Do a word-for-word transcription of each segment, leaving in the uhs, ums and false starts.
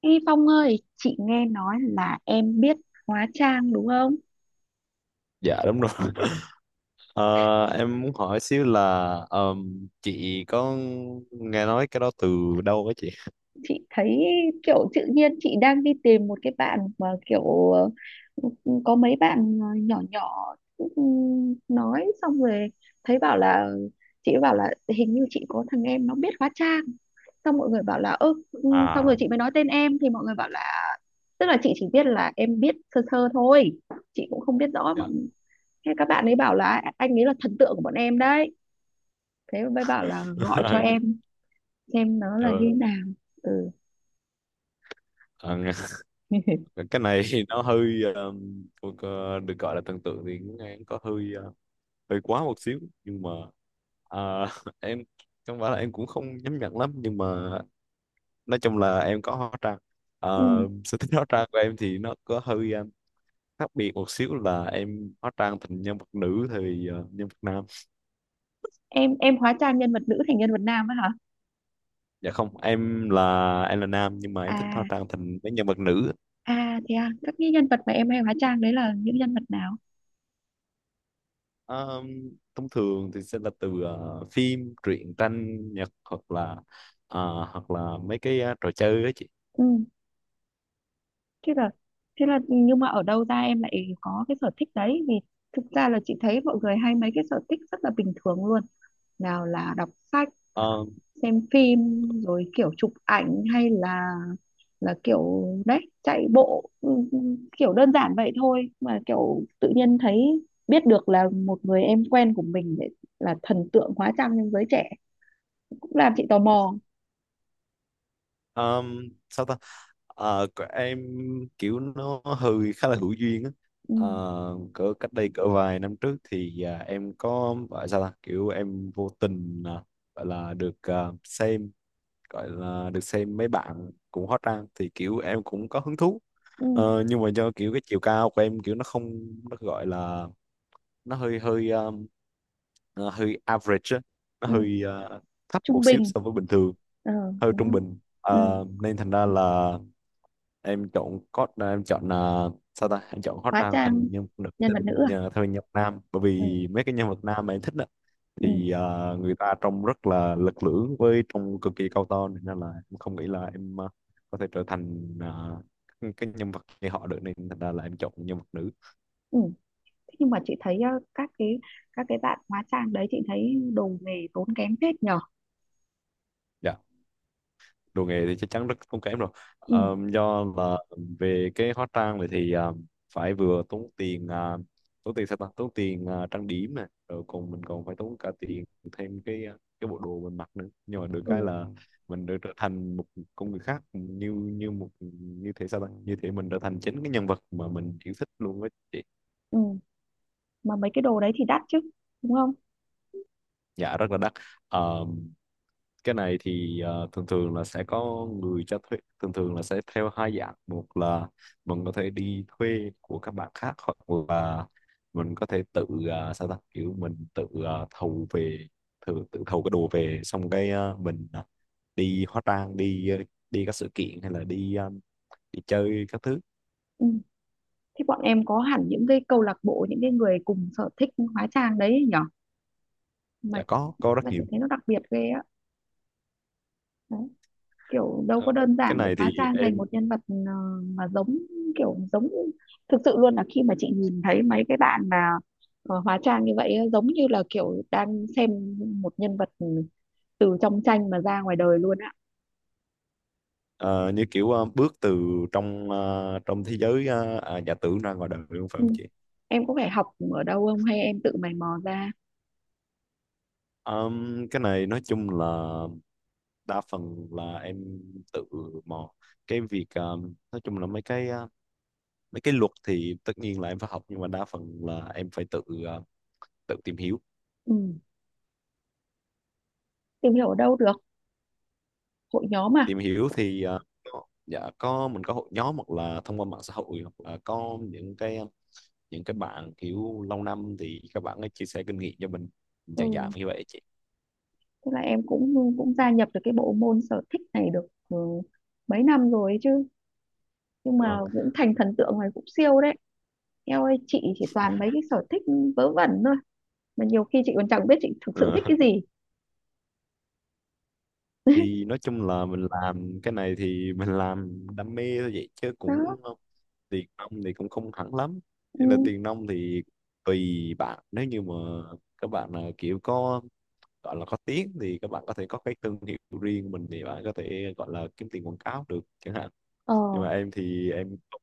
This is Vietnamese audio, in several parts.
Ê Phong ơi, chị nghe nói là em biết hóa trang đúng không? Dạ đúng rồi. Ờ, em muốn hỏi xíu là, ờm, chị có nghe nói cái đó từ đâu á chị? Chị thấy kiểu tự nhiên chị đang đi tìm một cái bạn mà kiểu ờ, có mấy bạn ờ, nhỏ nhỏ, ừ, nói xong rồi thấy bảo là chị bảo là hình như chị có thằng em nó biết hóa trang. Xong mọi người bảo là ơ, ừ, xong À, rồi chị mới nói tên em thì mọi người bảo là tức là chị chỉ biết là em biết sơ sơ thôi. Chị cũng không biết rõ dạ. bọn thế các bạn ấy bảo là anh ấy là thần tượng của bọn em đấy, thế mới bảo là gọi cho em xem nó là Ờ, như thế nào. Ừ. ờ, nghe- cái này thì nó hơi ờm, thuộc, ờ, được gọi là thần tượng thì cũng nghe có hơi ờ, hơi quá một xíu, nhưng mà ờ, em không phải là em cũng không nhắm nhận lắm, nhưng mà nói chung là em có hóa trang. ừ. Ờ, Sở thích hóa trang của em thì nó có hơi ờ, khác biệt một xíu, là em hóa trang thành nhân vật nữ thì ờ, nhân vật nam. Em em hóa trang nhân vật nữ thành nhân vật nam á hả? Dạ không, em là em là nam, nhưng mà em thích hóa À, trang thành mấy nhân vật nữ. à thế à, các cái nhân vật mà em hay hóa trang đấy là những nhân vật nào? Ờ, Thông thường thì sẽ là từ ờ, phim truyện tranh nhật, hoặc là ờ, hoặc là mấy cái ờ, trò chơi đó chị. Ừ. Thế là thế là nhưng mà ở đâu ra em lại có cái sở thích đấy, vì thực ra là chị thấy mọi người hay mấy cái sở thích rất là bình thường luôn, nào là đọc sách, Ờ, xem phim, rồi kiểu chụp ảnh, hay là là kiểu đấy chạy bộ, ừ, ừ, kiểu đơn giản vậy thôi mà kiểu tự nhiên thấy biết được là một người em quen của mình để là thần tượng hóa trang trong giới trẻ cũng làm chị tò mò. ờm, sao ta, Ờ, của em kiểu nó hơi khá là hữu duyên á. Ừ, Ờ, Cỡ cách đây cỡ vài năm trước thì à, em có gọi sao ta, kiểu em vô tình à, gọi là được à, xem, gọi là được xem mấy bạn cũng hot ra thì kiểu em cũng có hứng thú. ừ, ờ, Nhưng mà do kiểu cái chiều cao của em kiểu nó không, nó gọi là nó hơi hơi um, ờ, hơi average á. Nó ừ. hơi ờ, thấp Trung một xíu bình, so với bình thường, ờ, hơi đúng trung không? bình. Ừ. Ờ, nên thành ra là em chọn code em chọn là sao ta, em chọn hot Hóa rank trang thành nhân vật nữ nhân thay vật vì nữ à? nhờ- thay vì nhân vật nam, bởi Ừ, vì mấy cái nhân vật nam mà em thích ừ, thì ờ, người ta trông rất là lực lưỡng với trông cực kỳ cao to, nên là em không nghĩ là em ờ, có thể trở thành ờ, cái nhân vật như họ được, nên thành ra là em chọn nhân vật nữ. ừ. Thế nhưng mà chị thấy ờ, các cái các cái bạn hóa trang đấy chị thấy đồ nghề tốn kém phết nhở. Dạ, đồ nghề thì chắc chắn rất không kém rồi. Ừ, Ờm, do là về cái hóa trang này thì à, phải vừa tốn tiền, à, tốn tiền sao ta tốn tiền à, trang điểm này, rồi còn mình còn phải tốn cả tiền thêm cái, à, cái bộ đồ mình mặc nữa, nhưng mà được ừ, cái là mình được trở thành một con người khác, như như một, như thế sao ta, như thế mình trở thành chính cái nhân vật mà mình yêu thích luôn á chị. ừ. Mà mấy cái đồ đấy thì đắt chứ, đúng không? Dạ rất là đắt. Cái này thì ờ, thường thường là sẽ có người cho thuê, thường thường là sẽ theo hai dạng: một là mình có thể đi thuê của các bạn khác, hoặc là mình có thể tự ờ, sao ta, kiểu mình tự ờ, thầu về, tự tự thầu cái đồ về, xong cái ờ, mình ờ, đi hóa trang, đi ờ, đi các sự kiện, hay là đi ờ, đi chơi các thứ. Ừ. Thế bọn em có hẳn những cái câu lạc bộ, những cái người cùng sở thích hóa trang đấy ấy, mà Dạ có có mà rất chị nhiều. thấy nó đặc biệt ghê á. Đấy. Kiểu đâu Ờ, có đơn cái giản để này thì hóa trang em thành một nhân vật ờ, mà giống, kiểu giống thực sự luôn là khi mà chị nhìn thấy mấy cái bạn mà ờ, hóa trang như vậy á, giống như là kiểu đang xem một nhân vật từ trong tranh mà ra ngoài đời luôn á. ờ, như kiểu ờ, bước từ trong, ờ, trong thế giới ờ, à, giả tưởng ra ngoài đời luôn, phải Ừ. không chị? Em có phải học ở đâu không hay em tự mày mò ra? Um, cái này nói chung là đa phần là em tự mò. Cái việc um, nói chung là mấy cái uh, mấy cái luật thì tất nhiên là em phải học, nhưng mà đa phần là em phải tự uh, tự tìm hiểu. Ừ. Tìm hiểu ở đâu được? Hội nhóm à? Tìm hiểu thì uh, có- dạ có, mình có hội nhóm, hoặc là thông qua mạng xã hội, hoặc là có những cái ờ, những cái bạn kiểu lâu năm thì các bạn ấy chia sẻ kinh nghiệm cho mình, dạng dạng Ừ. như vậy chị. Tức là em cũng cũng gia nhập được cái bộ môn sở thích này được ừ, mấy năm rồi ấy chứ, nhưng Dạ mà vâng. cũng thành thần tượng này cũng siêu đấy. Em ơi, chị chỉ toàn mấy cái sở thích vớ vẩn thôi, mà nhiều khi chị còn chẳng biết chị thực sự Ờ, thích cái gì. thì nói chung là mình làm cái này thì mình làm đam mê thôi, vậy chứ đó. cũng ờ, tiền nong thì cũng không hẳn lắm. Ừ. Thế là tiền nong thì tùy bạn, nếu như mà các bạn là kiểu có, gọi là có tiếng thì các bạn có thể có cái thương hiệu riêng mình, thì bạn có thể gọi là kiếm tiền quảng cáo được chẳng hạn, Ờ. nhưng mà em thì em không-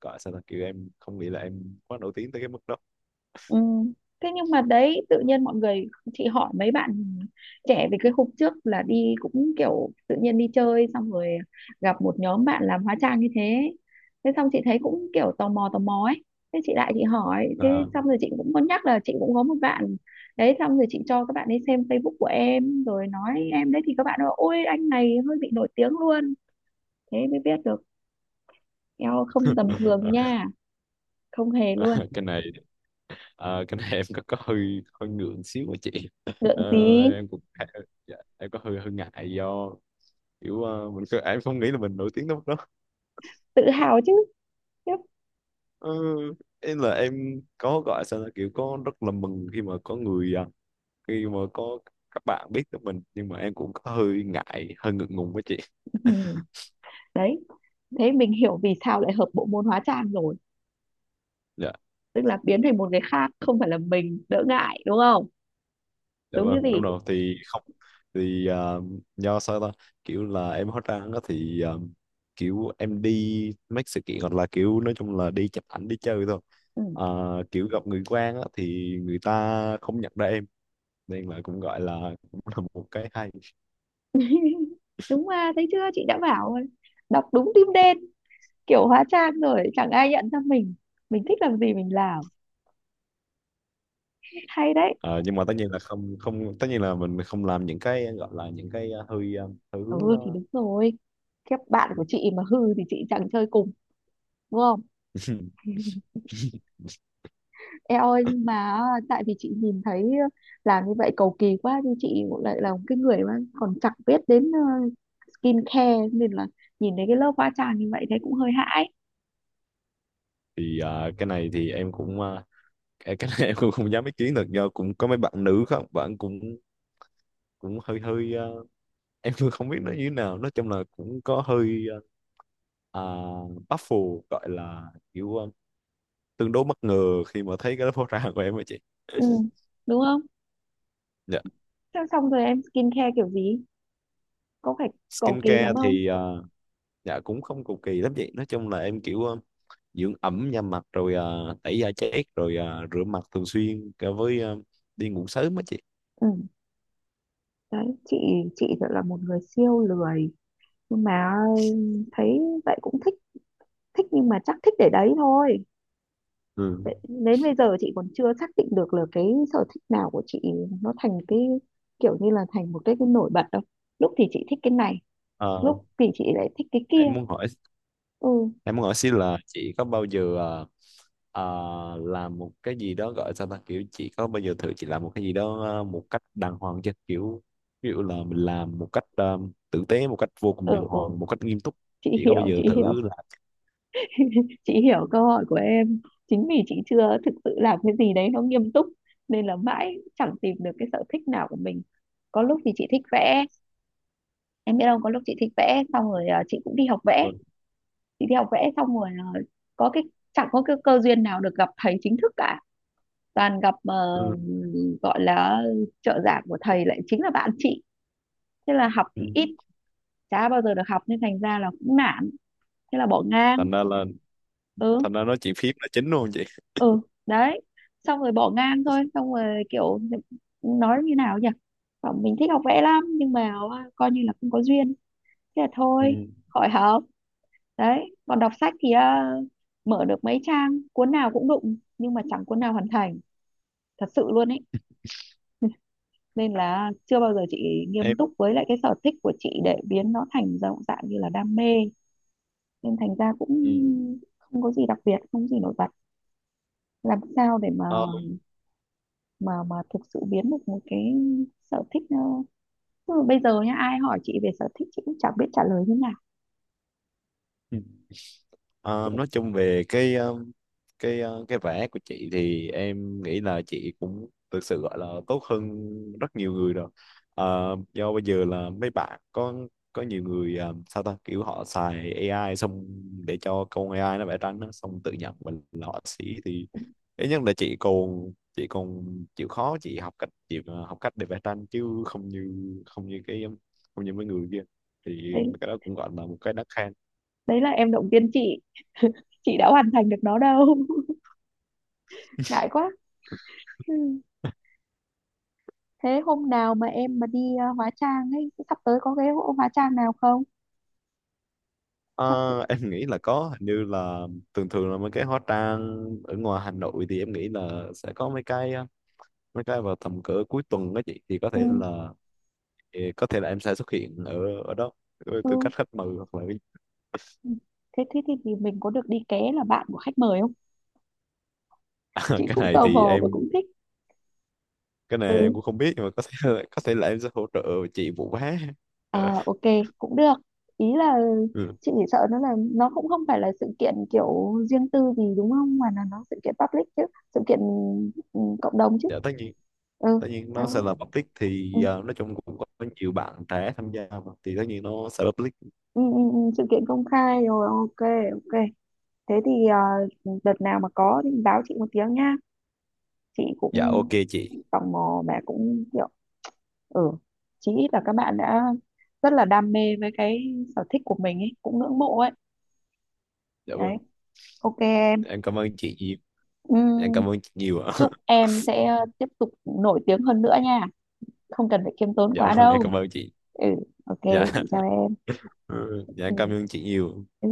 gọi sao là kiểu em không nghĩ là em quá nổi tiếng tới cái mức đó. Ừ. Thế nhưng mà đấy tự nhiên mọi người chị hỏi mấy bạn trẻ về cái khúc trước là đi cũng kiểu tự nhiên đi chơi xong rồi gặp một nhóm bạn làm hóa trang như thế, thế xong chị thấy cũng kiểu tò mò, tò mò ấy, thế chị lại chị hỏi thế, À. xong rồi chị cũng có nhắc là chị cũng có một bạn đấy, xong rồi chị cho các bạn ấy xem Facebook của em rồi nói em đấy thì các bạn nói ôi anh này hơi bị nổi tiếng luôn, thế mới biết được eo không tầm thường À. nha, không hề luôn. Cái này, à, cái này em có có hơi hơi ngượng xíu á chị. Lượng Ờ, gì? em cũng, dạ, em có hơi hơi ngại, do kiểu ờ, mình cứ- em không nghĩ là mình nổi tiếng đâu. Tự hào chứ. Yep. Ừ, em là em có gọi sao là kiểu có rất là mừng khi mà có người, à, khi mà có các bạn biết tới mình, nhưng mà em cũng có hơi ngại hơi ngượng ngùng với chị. Đấy, thế mình hiểu vì sao lại hợp bộ môn hóa trang rồi, Dạ, tức là biến thành một người khác không phải là mình đỡ ngại, đúng không? dạ Đúng như vâng, đúng gì? rồi. Thì không, thì à, do sao ta, kiểu là em hóa trang đó thì à, kiểu em đi mấy sự kiện hoặc là kiểu nói chung là đi chụp ảnh, đi chơi thôi. Ừ. À, kiểu gặp người quen á, thì người ta không nhận ra em, nên là cũng gọi là cũng là một cái hay. Đúng mà, thấy chưa, chị đã bảo rồi. Đọc đúng tim đen, kiểu hóa trang rồi chẳng ai nhận ra mình mình thích làm gì mình làm, hay đấy. Ờ, nhưng mà tất nhiên là không không, tất nhiên là mình không làm những cái gọi là những cái ờ, hơi ờ, hơi hướng Ừ thì ờ, đúng rồi, các bạn của ngược. chị mà hư thì chị chẳng chơi cùng, đúng không? Em ơi nhưng mà tại vì chị nhìn thấy làm như vậy cầu kỳ quá, nhưng chị lại là một cái người mà còn chẳng biết đến ờ, skincare, nên là nhìn thấy cái lớp hóa trang như vậy thấy cũng hơi hãi. Thì ờ, cái này thì em cũng, ờ, cái cái này, em cũng không dám ý kiến được, do cũng có mấy bạn nữ không, bạn cũng cũng hơi hơi ờ, em cũng không biết nó như thế nào, nói chung là cũng có hơi uh, baffled, gọi là kiểu ờ, tương đối bất ngờ khi mà thấy cái lớp ra của em á chị. Ừ. Đúng không? Dạ. Thế xong rồi em skincare kiểu gì, có phải cầu kỳ Skincare lắm không? thì ờ, dạ cũng không cầu kỳ lắm chị, nói chung là em kiểu ờ, dưỡng ẩm da mặt, rồi ờ, tẩy da chết, rồi ờ, rửa mặt thường xuyên, cả với ờ, đi ngủ sớm á chị. Ừ. Đấy, chị chị thật là một người siêu lười, nhưng mà thấy vậy cũng thích, thích nhưng mà chắc thích để đấy thôi. Ừ. Để- đến bây giờ chị còn chưa xác định được là cái sở thích nào của chị nó thành cái kiểu như là thành một cái, cái nổi bật đâu, lúc thì chị thích cái này, Ờ, lúc thì chị lại thích cái kia. em muốn hỏi Ừ, em muốn hỏi xin là chị có bao giờ ờ, ờ, làm một cái gì đó, gọi sao ta, kiểu chị có bao giờ thử chị làm một cái gì đó ờ, một cách đàng hoàng chưa, kiểu ví dụ là mình làm một cách ờ, tử tế, một cách vô cùng ừ, đàng ừ, hoàng, một cách nghiêm túc. chị Chị có bao hiểu, giờ chị hiểu, thử làm? chị hiểu câu hỏi của em. Chính vì chị chưa thực sự làm cái gì đấy nó nghiêm túc nên là mãi chẳng tìm được cái sở thích nào của mình. Có lúc thì chị thích vẽ, em biết không, có lúc chị thích vẽ xong rồi à, chị cũng đi học vẽ, Vâng. chị đi học vẽ xong rồi à, có cái chẳng có cái cơ duyên nào được gặp thầy chính thức cả, toàn gặp ờ, Ừ. gọi là trợ giảng của thầy lại chính là bạn chị, thế là học Ừ. thì ít, chả bao giờ được học nên thành ra là cũng nản, thế là bỏ ngang. thành ra là Ừ, Thành ra nói chuyện phím là chính luôn chị. ừ. Đấy, xong rồi bỏ ngang thôi, xong rồi kiểu nói như nào nhỉ. Bảo mình thích học vẽ lắm nhưng mà à, coi như là không có duyên, thế là Ừ. thôi, khỏi học. Đấy, còn đọc sách thì à, mở được mấy trang cuốn nào cũng đụng, nhưng mà chẳng cuốn nào hoàn thành, thật sự luôn ấy, nên là chưa bao giờ chị nghiêm Em. túc với lại cái sở thích của chị để biến nó thành dạng dạng như là đam mê, nên thành ra cũng Ừ. không có gì đặc biệt, không có gì nổi bật, làm sao để mà Ờ, mà mà thực sự biến được một cái sở thích, ờ, tức là bây giờ nhá ai hỏi chị về sở thích chị cũng chẳng biết trả lời như nào. Ờ, Kiểu nói chung về cái, ờ, cái ờ, cái vẽ của chị thì em nghĩ là chị cũng thực sự gọi là tốt hơn rất nhiều người rồi. Ờ, do bây giờ là mấy bạn có có nhiều người ờ, sao ta, kiểu họ xài a i xong để cho con a i nó vẽ tranh đó, xong tự nhận mình là họa sĩ, thì ít nhất là chị còn chị còn chịu khó, chị học cách, chị ờ, học cách để vẽ tranh, chứ không như không như cái không như mấy người kia, thì đấy, cái đó cũng gọi là một cái đáng khen. đấy là em động viên chị chị đã hoàn thành được nó đâu. ngại quá. Ừ. Thế hôm nào mà em mà đi ờ, hóa trang ấy, sắp tới có cái hội hóa trang nào không, chắc cũng-. Ờ, em nghĩ là có, hình như là thường thường là mấy cái hóa trang ở ngoài Hà Nội thì em nghĩ là sẽ có mấy cái ờ, mấy cái vào tầm cỡ cuối tuần đó chị, thì có Ừ, thể là thì có thể là em sẽ xuất hiện ở ở đó với tư ừ. cách khách mời, hoặc là cái, Ừ. Thế thế thì, thì mình có được đi ké là bạn của khách mời không, chị cái cũng này tò thì mò và em cũng thích. cái này Ừ. em cũng không biết, nhưng mà có thể là, có thể là em sẽ hỗ trợ chị vụ vé. Ờ, ok, cũng được. Ý là Ừ. chị chỉ sợ nó là nó cũng không phải là sự kiện kiểu riêng tư gì đúng không, mà là nó sự kiện public chứ, sự kiện, ừ, cộng đồng chứ. Dạ tất nhiên, Ừ, tất nhiên đó. nó sẽ là public, Ừ, thì ờ, nói chung cũng có nhiều bạn trẻ tham gia mà thì tất nhiên nó sẽ public. ừ, ừ, ừ, sự kiện công khai rồi, ok, ok. Thế thì ờ, đợt nào mà có thì báo chị một tiếng nha, chị Dạ cũng ok chị. tò mò mà cũng kiểu, ừ, chí ít là các bạn đã rất là đam mê với cái sở thích của mình ấy cũng ngưỡng mộ ấy. Dạ vâng, Đấy, ok em. em cảm ơn chị nhiều. Ừ. Dạ em cảm ơn chị nhiều. Chúc em sẽ ờ, tiếp tục nổi tiếng hơn nữa nha, không cần phải khiêm tốn Dạ quá vâng, em đâu. cảm ơn chị. Ừ, ok, Dạ. chị chào em. Ừ, dạ em cảm ơn chị nhiều. Ừ.